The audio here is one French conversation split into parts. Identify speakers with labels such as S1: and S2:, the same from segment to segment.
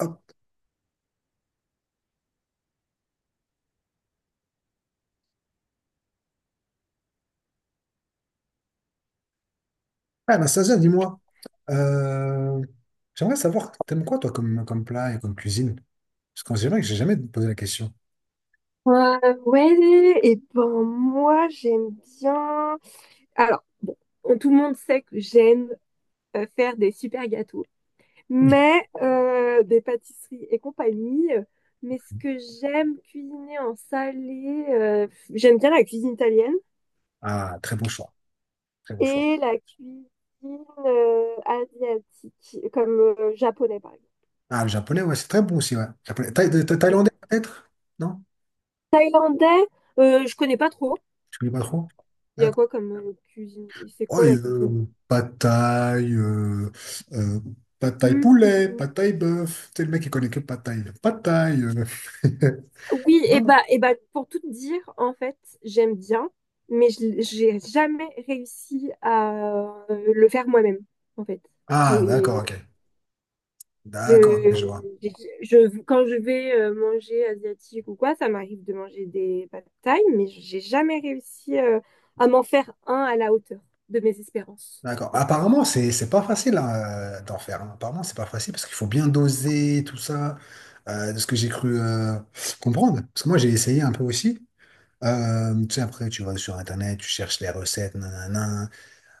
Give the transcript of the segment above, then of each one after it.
S1: Hop. Ah, Anastasia, dis-moi, euh, j'aimerais savoir, t'aimes quoi toi comme plat et comme cuisine? Parce qu'on dirait que j'ai jamais posé la question.
S2: Euh, ouais, et ben moi j'aime bien. Alors, bon, tout le monde sait que j'aime faire des super gâteaux,
S1: Oui.
S2: mais des pâtisseries et compagnie. Mais ce que j'aime cuisiner en salé, j'aime bien la cuisine italienne
S1: Ah, très bon choix, très bon choix.
S2: et la cuisine asiatique, comme japonais par exemple.
S1: Ah, le japonais, ouais, c'est très bon aussi, ouais. Japonais. Thaïlandais peut-être? Non?
S2: Thaïlandais, je connais pas trop.
S1: Tu connais pas trop?
S2: Il y a
S1: D'accord.
S2: quoi comme cuisine? C'est
S1: Ouais,
S2: quoi la cuisine?
S1: euh, pad thaï poulet, pad thaï bœuf. Tu sais, le mec, il connaît que pad thaï. Pad thaï.
S2: Oui, et
S1: Non, non.
S2: bah, et bah, pour tout te dire, en fait, j'aime bien, mais j'ai jamais réussi à le faire moi-même, en fait.
S1: Ah,
S2: J'ai,
S1: d'accord, ok.
S2: je,
S1: D'accord, ok, je vois.
S2: j'ai- quand je vais manger asiatique ou quoi, ça m'arrive de manger des pad thaï, mais j'ai jamais réussi à m'en faire un à la hauteur de mes espérances.
S1: D'accord. Apparemment, c'est pas facile, hein, d'en faire. Hein. Apparemment, c'est pas facile parce qu'il faut bien doser tout ça, de ce que j'ai cru comprendre. Parce que moi, j'ai essayé un peu aussi. Tu sais, après, tu vas sur Internet, tu cherches les recettes, nanana.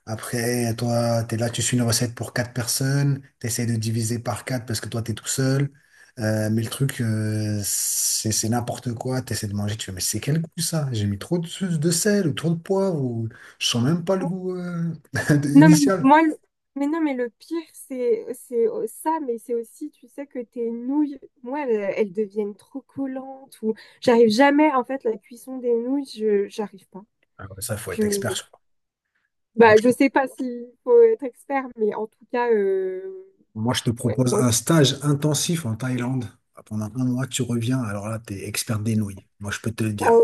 S1: Après, toi, t'es là, tu suis une recette pour quatre personnes, t'essayes de diviser par quatre parce que toi, t'es tout seul. Mais le truc, c'est n'importe quoi. T'essaies de manger, tu fais, mais c'est quel goût ça? J'ai mis trop de sel ou trop de poivre ou je sens même pas le goût
S2: Non, mais
S1: initial.
S2: moi, le- mais non, mais le pire, c'est au- ça, mais c'est aussi, tu sais, que tes nouilles, moi, elles, elles deviennent trop collantes ou j'arrive jamais, en fait, la cuisson des nouilles, je j'arrive pas.
S1: Ah ouais, ça, faut être
S2: Je
S1: expert, je crois. Ah, Moi,
S2: bah, je sais pas s'il faut être expert, mais en tout cas,
S1: je moi, je te
S2: ouais.
S1: propose un stage intensif en Thaïlande. Pendant un mois, tu reviens. Alors là, t'es expert des nouilles. Moi, je peux te le dire.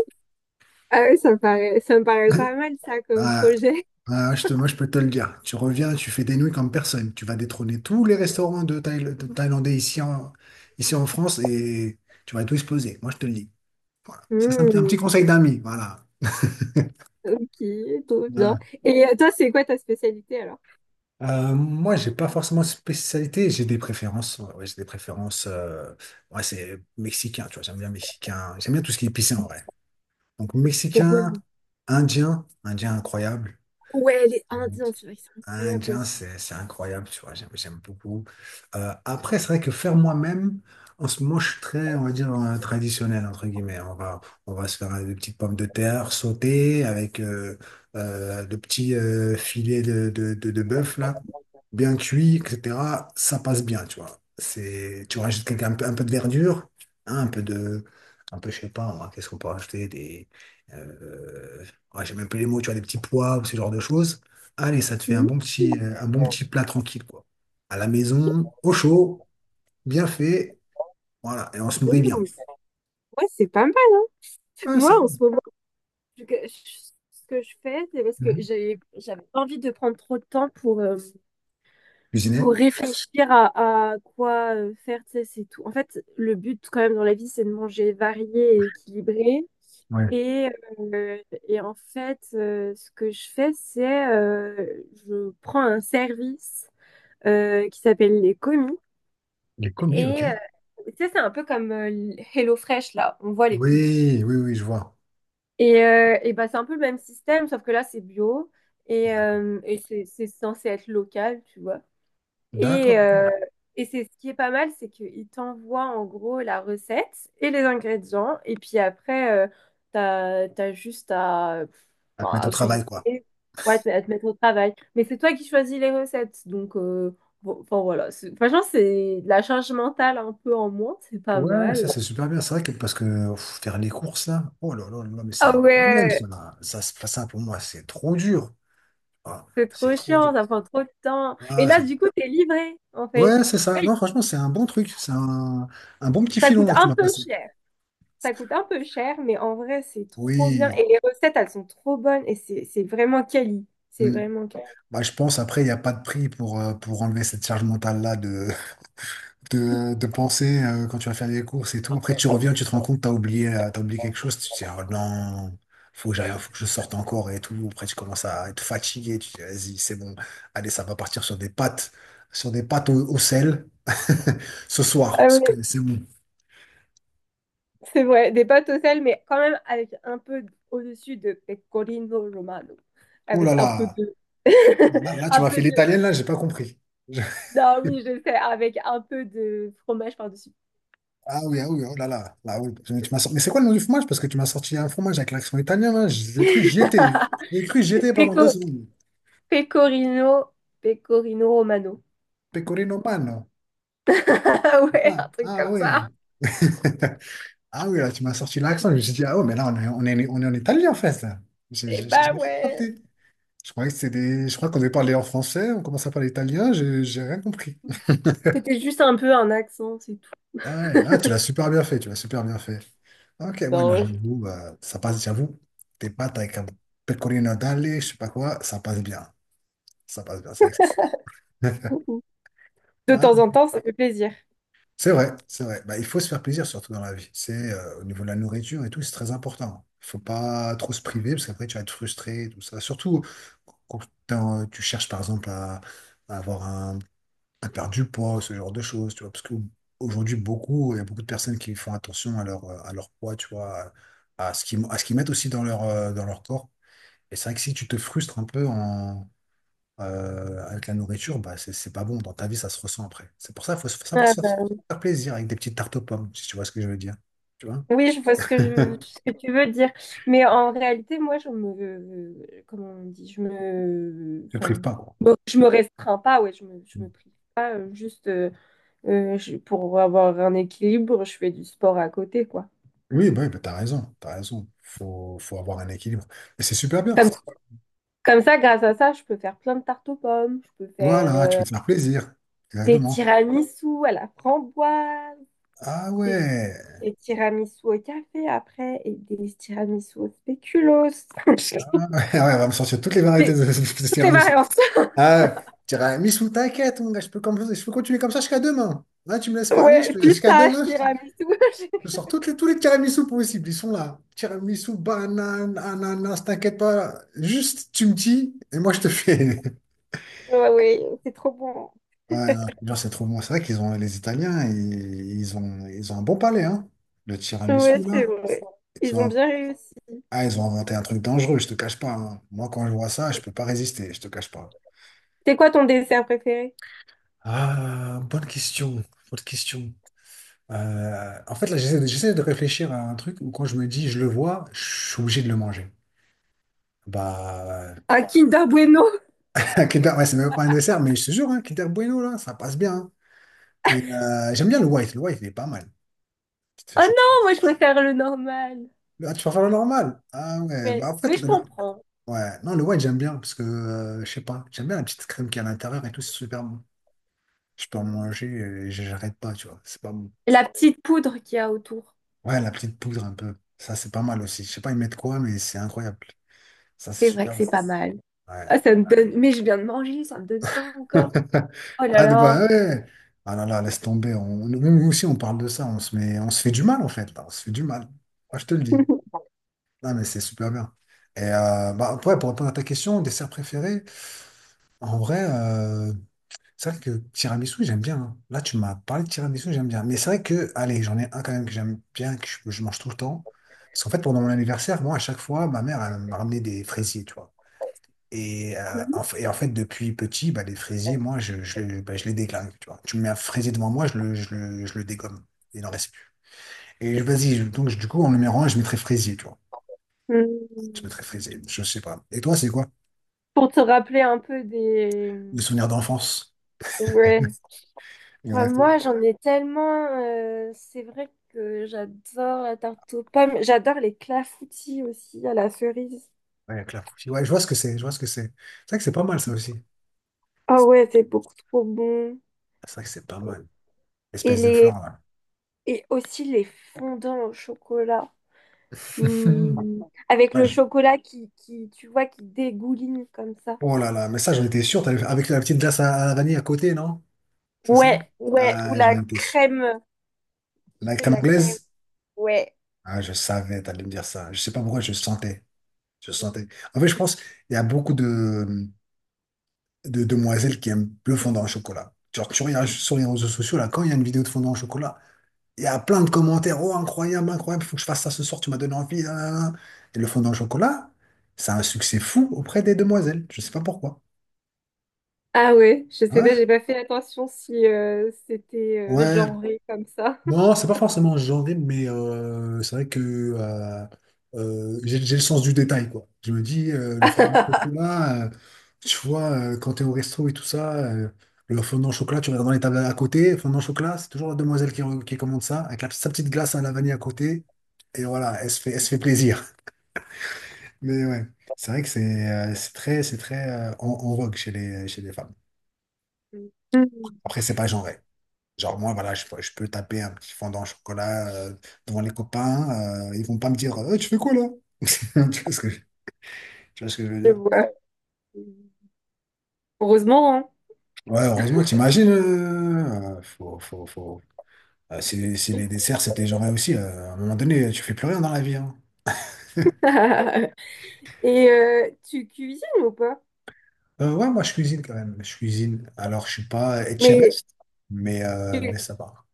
S2: Ah oui, ça me paraît pas mal, ça, comme
S1: Ah,
S2: projet.
S1: ah, moi, je peux te le dire. Tu reviens, tu fais des nouilles comme personne. Tu vas détrôner tous les restaurants de Thaïlandais ici en France et tu vas tout exploser. Moi, je te le dis. Voilà. Ça, c'est un petit
S2: Hmm,
S1: conseil d'ami. Voilà.
S2: ok, trop bien.
S1: Ouais.
S2: Et toi, c'est quoi ta spécialité, alors?
S1: Moi, j'ai pas forcément de spécialité, j'ai des préférences. Ouais, ouais, j'ai des préférences. Ouais, c'est mexicain, tu vois, j'aime bien mexicain. J'aime bien tout ce qui est épicé en vrai. Donc,
S2: C'est trop
S1: mexicain,
S2: bon.
S1: indien, indien incroyable.
S2: Ouais, les Indiens, c'est vrai que c'est incroyable
S1: Indien,
S2: aussi.
S1: c'est incroyable, tu vois, j'aime beaucoup. Après, c'est vrai que faire moi-même, en ce moment, je suis très, on va dire, traditionnel, entre guillemets. On va se faire des petites pommes de terre sautées avec de petits filets de bœuf, là, bien cuits, etc. Ça passe bien, tu vois. C'est, tu rajoutes un peu de verdure, hein, un peu, je sais pas, moi, qu'est-ce qu'on peut rajouter, des, euh, ouais, j'ai même plus les mots, tu vois, des petits pois ou ce genre de choses. Allez, ça te fait un
S2: Hmm,
S1: bon petit, euh, un bon petit plat tranquille, quoi. À la maison, au chaud, bien fait, voilà, et on se nourrit
S2: hmm.
S1: bien.
S2: Ouais, c'est pas mal, hein.
S1: Ouais,
S2: Moi,
S1: ça
S2: en
S1: va.
S2: ce moment, ce que je, ce que je fais, c'est parce que
S1: Mhm.
S2: j'avais pas envie de prendre trop de temps
S1: Cuisiner?
S2: pour réfléchir à quoi faire, tu sais, c'est tout. En fait, le but quand même dans la vie, c'est de manger varié et équilibré.
S1: Ouais.
S2: Et, euh, et en fait, ce que je fais, c'est je prends un service qui s'appelle les commis.
S1: Les commis, ok.
S2: Et tu sais, c'est un peu comme HelloFresh, là. On voit les pubs.
S1: Oui, oui, oui, je vois.
S2: Et bah, c'est un peu le même système, sauf que là, c'est bio
S1: D'accord.
S2: et c'est censé être local, tu vois. Et,
S1: D'accord. Ok.
S2: euh, et c'est ce qui est pas mal, c'est qu'ils t'envoient en gros la recette et les ingrédients. Et puis après, t'as juste à, bon,
S1: À te mettre
S2: à
S1: au
S2: cuisiner,
S1: travail, quoi.
S2: ouais, à te mettre au travail. Mais c'est toi qui choisis les recettes. Donc, bon, enfin voilà. C'est- Franchement, c'est de la charge mentale un peu en moins, c'est pas
S1: Ouais, ça,
S2: mal.
S1: c'est super bien. C'est vrai que parce que pff, faire les courses, là, oh là là là, mais c'est
S2: Ah
S1: un problème, ça.
S2: ouais.
S1: Là. Ça, c'est pas ça pour moi, c'est trop dur. Ah,
S2: C'est
S1: c'est
S2: trop
S1: trop dur.
S2: chiant, ça prend trop de temps. Et
S1: Ah,
S2: là, du coup, t'es livré, en fait.
S1: ouais, c'est ça. Non, franchement, c'est un bon truc. C'est un bon petit
S2: Ça
S1: filon,
S2: coûte
S1: là, que tu
S2: un
S1: m'as
S2: peu
S1: passé.
S2: cher. Ça coûte un peu cher, mais en vrai, c'est trop bien.
S1: Oui.
S2: Et les recettes, elles sont trop bonnes. Et c'est vraiment quali. C'est
S1: Mm.
S2: vraiment quali.
S1: Bah, je pense, après, il n'y a pas de prix pour enlever cette charge mentale-là de, de penser quand tu vas faire des courses et tout. Après, tu reviens, tu te rends compte, t'as oublié quelque chose, tu te dis, oh non, faut que j'aille, faut que je sorte encore et tout. Après, tu commences à être fatigué, tu te dis, vas-y, c'est bon, allez, ça va partir sur des pâtes au sel ce soir,
S2: Ah
S1: parce
S2: ouais,
S1: que c'est bon.
S2: c'est vrai, des pâtes au sel, mais quand même avec un peu au-dessus de pecorino romano.
S1: Oh là
S2: Avec un peu
S1: là,
S2: de...
S1: là, là, tu
S2: un
S1: m'as fait
S2: peu de...
S1: l'italienne, là, j'ai pas compris.
S2: Non, oui, je sais, avec un peu de fromage par-dessus.
S1: Ah oui, ah oui, oh là là, là oui. Mais c'est quoi le nom du fromage? Parce que tu m'as sorti un fromage avec l'accent italien, là. J'ai cru que j'y étais. J'ai cru que j'y étais pendant deux
S2: Peco...
S1: secondes.
S2: Pecorino... Pecorino romano.
S1: Pecorino Pano. C'est
S2: Ouais,
S1: ça.
S2: un truc
S1: Ah
S2: comme
S1: oui.
S2: ça.
S1: Ah oui, là, tu m'as sorti l'accent. Je me suis dit, ah ouais, mais là, on est en Italie, en fait. Là.
S2: Eh bah
S1: J'avais pas
S2: ouais.
S1: capté. Je croyais que c'était des. Je crois qu'on devait parler en français, on commence à parler italien, j'ai rien compris.
S2: C'était juste un peu un accent, c'est tout.
S1: Ah, ouais. Ah, tu l'as super bien fait, tu l'as super bien fait. Ok, ouais, non,
S2: Non, je-
S1: j'avoue, bah, ça passe, j'avoue. Tes pâtes avec un pecorino d'alle, je sais pas quoi, ça passe bien. Ça passe bien, 500.
S2: De
S1: Ah,
S2: temps en temps, ça fait plaisir.
S1: c'est vrai, c'est vrai. Bah, il faut se faire plaisir, surtout dans la vie. C'est au niveau de la nourriture et tout, c'est très important. Il faut pas trop se priver, parce qu'après, tu vas être frustré, et tout ça. Surtout quand tu cherches, par exemple, à avoir à perdre du poids, ce genre de choses, tu vois. Parce qu'aujourd'hui, il y a beaucoup de personnes qui font attention à leur poids, tu vois, à ce qu'ils mettent aussi dans leur corps. Et c'est vrai que si tu te frustres un peu avec la nourriture, bah, c'est pas bon. Dans ta vie, ça se ressent après. C'est pour ça qu'il faut, faut savoir
S2: Ah
S1: se faire
S2: bah,
S1: faire plaisir avec des petites tartes aux pommes, si tu vois ce que je veux dire. Tu vois?
S2: oui, je vois ce que tu veux dire. Mais en réalité, moi, comment on dit,
S1: Je ne prive
S2: enfin,
S1: pas, quoi.
S2: bon, je me restreins pas, ouais, je me prive pas, pour avoir un équilibre, je fais du sport à côté, quoi.
S1: Oui, bah, t'as raison, t'as raison. Faut avoir un équilibre. Et c'est super bien.
S2: Comme, comme ça, grâce à ça, je peux faire plein de tartes aux pommes, je peux faire
S1: Voilà, tu peux te faire plaisir.
S2: des
S1: Exactement.
S2: tiramisu à la framboise,
S1: Ah
S2: des.
S1: ouais.
S2: Et tiramisu au café après, et des tiramisu au spéculoos.
S1: Ah ouais, ouais, on va me sortir toutes les variétés de,
S2: J'ai
S1: de
S2: toutes les
S1: tiramisu.
S2: variantes.
S1: Ah, ouais, tiramisu, t'inquiète, mon gars, je peux continuer comme ça jusqu'à demain. Là, tu me laisses parler,
S2: Ouais,
S1: jusqu'à
S2: pistache,
S1: demain.
S2: tiramisu.
S1: Je sors tous les tiramisu possibles, ils sont là. Tiramisu, banane, ananas, t'inquiète pas. Juste, tu me dis, et moi, je te fais.
S2: Ouais, ouais, c'est trop bon.
S1: Ouais, non, je te jure, c'est trop bon. C'est vrai qu'ils ont, les Italiens, ils ont un bon palais, hein. Le
S2: Ouais,
S1: tiramisu,
S2: c'est
S1: là.
S2: vrai.
S1: Ils
S2: Ils
S1: ont,
S2: ont
S1: un-
S2: bien réussi.
S1: ils ont inventé un truc dangereux, je te cache pas. Hein. Moi, quand je vois ça, je peux pas résister, je te cache pas.
S2: C'est quoi ton dessert préféré?
S1: Ah, bonne question, bonne question. En fait, là, j'essaie de réfléchir à un truc où quand je me dis, je le vois, je suis obligé de le manger. Bah,
S2: Un Kinder Bueno.
S1: un Kinder, ouais, c'est même pas un dessert, mais je te jure, hein, Kinder Bueno, là, ça passe bien. Hein. Mais j'aime bien le white. Le white, il est pas mal. Petite
S2: Oh
S1: chocolat.
S2: non, moi je préfère le normal.
S1: Ah, tu préfères le normal? Ah ouais,
S2: Mais,
S1: bah en fait,
S2: mais je
S1: le, nor-
S2: comprends.
S1: ouais. Non, le white, j'aime bien parce que, je sais pas, j'aime bien la petite crème qui est à l'intérieur et tout, c'est super bon. Je peux en manger et j'arrête pas, tu vois, c'est pas bon.
S2: La petite poudre qu'il y a autour.
S1: Ouais, la petite poudre un peu, ça, c'est pas mal aussi. Je sais pas, ils mettent quoi, mais c'est incroyable. Ça, c'est
S2: C'est vrai que
S1: super bon.
S2: c'est pas mal.
S1: Ouais.
S2: Ah, ça me donne... Mais je viens de manger, ça me donne faim encore. Oh là
S1: Ah,
S2: là.
S1: bah ouais. Ah là là, laisse tomber. Nous aussi, on parle de ça. On se fait du mal, en fait. Là. On se fait du mal. Moi, je te le dis. Non, mais c'est super bien. Et bah, ouais, pour répondre à ta question, dessert préféré, en vrai, c'est vrai que tiramisu, j'aime bien. Hein. Là, tu m'as parlé de tiramisu, j'aime bien. Mais c'est vrai que, allez, j'en ai un quand même que j'aime bien, que je mange tout le temps. Parce qu'en fait, pendant mon anniversaire, moi, à chaque fois, ma mère, elle me ramenait des fraisiers, tu vois. Et, euh, en, fa- et en fait, depuis petit, bah, les fraisiers, moi, je les déglingue. Tu vois. Tu me mets un fraisier devant moi, je le dégomme. Il n'en reste plus. Donc du coup, en numéro un, je mettrais fraisier, tu vois. Je
S2: Mm.
S1: mettrais fraisier, je sais pas. Et toi, c'est quoi?
S2: Pour te rappeler un peu des...
S1: Le souvenir d'enfance.
S2: Ouais. Enfin,
S1: Exactement.
S2: moi, j'en ai tellement. C'est vrai que j'adore la tarte aux pommes. J'adore les clafoutis aussi à la cerise.
S1: Ouais, avec la faucille. Ouais, je vois ce que c'est, je vois ce que c'est. C'est vrai que c'est pas mal, ça
S2: C'est trop-
S1: aussi.
S2: Ah ouais, c'est beaucoup trop bon.
S1: C'est vrai que c'est pas mal.
S2: Et
S1: L'espèce de
S2: les
S1: flan, là.
S2: et aussi les fondants au chocolat. Hmm. Avec
S1: Ouais,
S2: le chocolat qui, tu vois, qui dégouline comme ça.
S1: oh là là, mais ça, j'en étais sûr. Avec la petite glace à la vanille à côté, non? C'est ça?
S2: Ouais, ouais. Ou
S1: Ah, j'en
S2: la
S1: étais sûr.
S2: crème.
S1: Avec
S2: C'est
S1: ta
S2: la crème.
S1: anglaise?
S2: Ouais.
S1: Ah, je savais, t'allais me dire ça. Je sais pas pourquoi, je sentais. Je sentais. En fait, je pense il y a beaucoup de demoiselles qui aiment le fondant au chocolat. Genre, tu regardes sur les réseaux sociaux, là, quand il y a une vidéo de fondant au chocolat, il y a plein de commentaires. Oh, incroyable, incroyable, faut que je fasse ça ce soir, tu m'as donné envie. Nan, nan, nan. Et le fondant au chocolat, ça a un succès fou auprès des demoiselles. Je sais pas pourquoi.
S2: Ah ouais, je sais pas, j'ai
S1: Ouais,
S2: pas fait attention si c'était
S1: ouais,
S2: genré comme ça.
S1: non, c'est pas forcément genré, mais c'est vrai que j'ai le sens du détail, quoi. Je me dis, le fondant au chocolat, tu vois, quand t'es au resto et tout ça, le fondant au chocolat, tu regardes dans les tables à côté, fondant au chocolat, c'est toujours la demoiselle qui commande ça, avec sa petite glace à la vanille à côté, et voilà, elle se fait plaisir. Mais ouais, c'est vrai que c'est c'est très en vogue chez chez les femmes.
S2: Hmm,
S1: Après, c'est pas genré. Genre, moi, voilà, je peux taper un petit fondant au chocolat devant les copains. Ils vont pas me dire, eh, tu fais quoi là? Tu vois ce que, je- tu vois ce que je veux
S2: je
S1: dire?
S2: vois. Heureusement,
S1: Ouais, heureusement, t'imagines. Faut... si les desserts, c'était genre aussi, à un moment donné, tu fais plus rien dans la vie, hein.
S2: hein. Et tu cuisines ou pas?
S1: Ouais, moi, je cuisine quand même. Je cuisine. Alors, je suis pas chef,
S2: Mais Tu,
S1: mais ça va.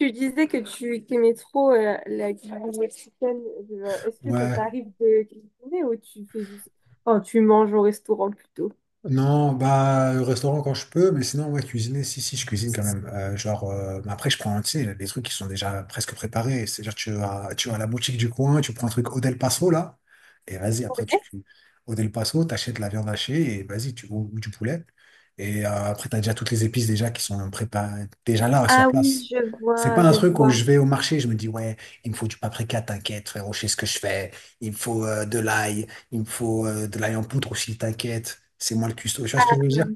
S2: tu disais que tu aimais trop la cuisine mexicaine. Genre, est-ce que ça
S1: Ouais,
S2: t'arrive de cuisiner ou tu fais juste... Oh, tu manges au restaurant plutôt.
S1: non, bah, le restaurant quand je peux, mais sinon, ouais, cuisiner, si, je cuisine quand même. Genre, mais après, je prends, tu sais, les trucs qui sont déjà presque préparés. C'est-à-dire, tu vas à la boutique du coin, tu prends un truc au Del Paso, là, et vas-y, après,
S2: Ouais.
S1: au Del Paso, t'achètes de la viande hachée, et vas-y, ou du poulet. Et après, t'as déjà toutes les épices déjà qui sont préparées, déjà là, sur
S2: Ah oui,
S1: place. C'est pas un
S2: je
S1: truc où
S2: vois.
S1: je vais au marché, je me dis, ouais, il me faut du paprika, t'inquiète, frérot, je sais ce que je fais. Il me faut de l'ail. Il me faut de l'ail en poudre aussi, t'inquiète, c'est moi le cuistot. Tu vois ce que je veux dire?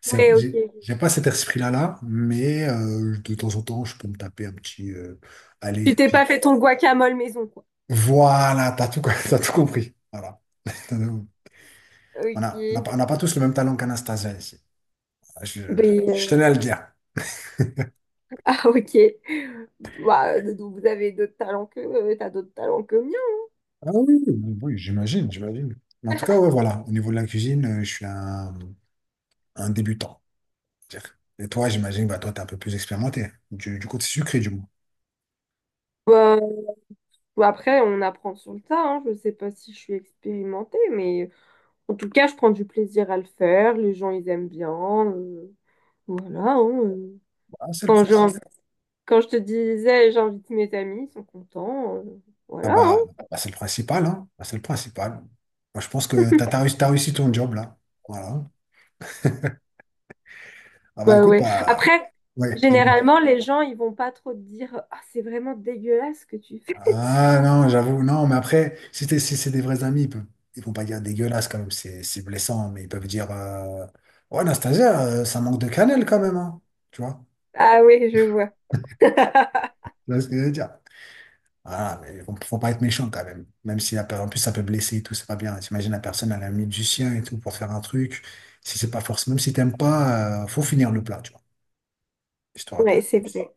S2: Ouais, ok.
S1: J'ai pas cet esprit-là, là, mais de temps en temps, je peux me taper un petit.
S2: Tu
S1: Allez,
S2: t'es pas fait ton guacamole maison, quoi.
S1: voilà, t'as tout, t'as tout compris. Voilà. On on a, pas
S2: Ok.
S1: on n'a pas tous le même talent qu'Anastasia ici. Ah, je
S2: Ben.
S1: tenais à le dire.
S2: Ok. Bah, vous avez d'autres talents que miens.
S1: Ah oui, oui, oui, j'imagine, j'imagine. Mais en tout cas, ouais, voilà. Au niveau de la cuisine, je suis un débutant, on va dire. Et toi, j'imagine, bah, toi, t'es un peu plus expérimenté. Du côté sucré, du moins.
S2: Hein. Bah, après, on apprend sur le tas, hein. Je sais pas si je suis expérimentée, mais en tout cas, je prends du plaisir à le faire. Les gens, ils aiment bien. Voilà. Hein.
S1: Bah, c'est le
S2: Quand j'ai
S1: principe.
S2: envie- Quand je te disais, j'invite mes amis, ils sont contents.
S1: Ah
S2: Voilà.
S1: bah,
S2: hein.
S1: bah, c'est le principal, hein. Bah, c'est le principal. Moi, je pense que t'as réussi ton job, là. Voilà. Ah bah
S2: Bah
S1: écoute,
S2: ouais.
S1: bah
S2: Après,
S1: ouais, dis-moi.
S2: généralement, les gens, ils vont pas trop te dire, ah, c'est vraiment dégueulasse ce que tu fais.
S1: Ah non, j'avoue, non, mais après, si, si c'est des vrais amis, ils peuvent, ils vont pas dire dégueulasse quand même, c'est blessant, mais ils peuvent dire ouais, Anastasia, ça manque de cannelle quand même, hein. Tu vois?
S2: Ah oui, je vois.
S1: Tu vois ce que je veux dire? Voilà, mais faut pas être méchant quand même. Même si en plus ça peut blesser et tout, c'est pas bien. T'imagines la personne, elle a mis du sien et tout pour faire un truc. Si c'est pas forcément, même si t'aimes pas, faut finir le plat, tu vois. Histoire
S2: Ouais,
S1: de,
S2: c'est vrai.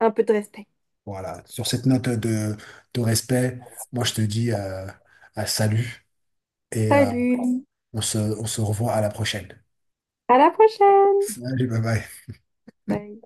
S2: Un peu de respect.
S1: voilà, sur cette note de respect, moi je te dis à salut et
S2: Salut.
S1: on se revoit à la prochaine.
S2: À la prochaine.
S1: Salut, bye bye.
S2: Bye.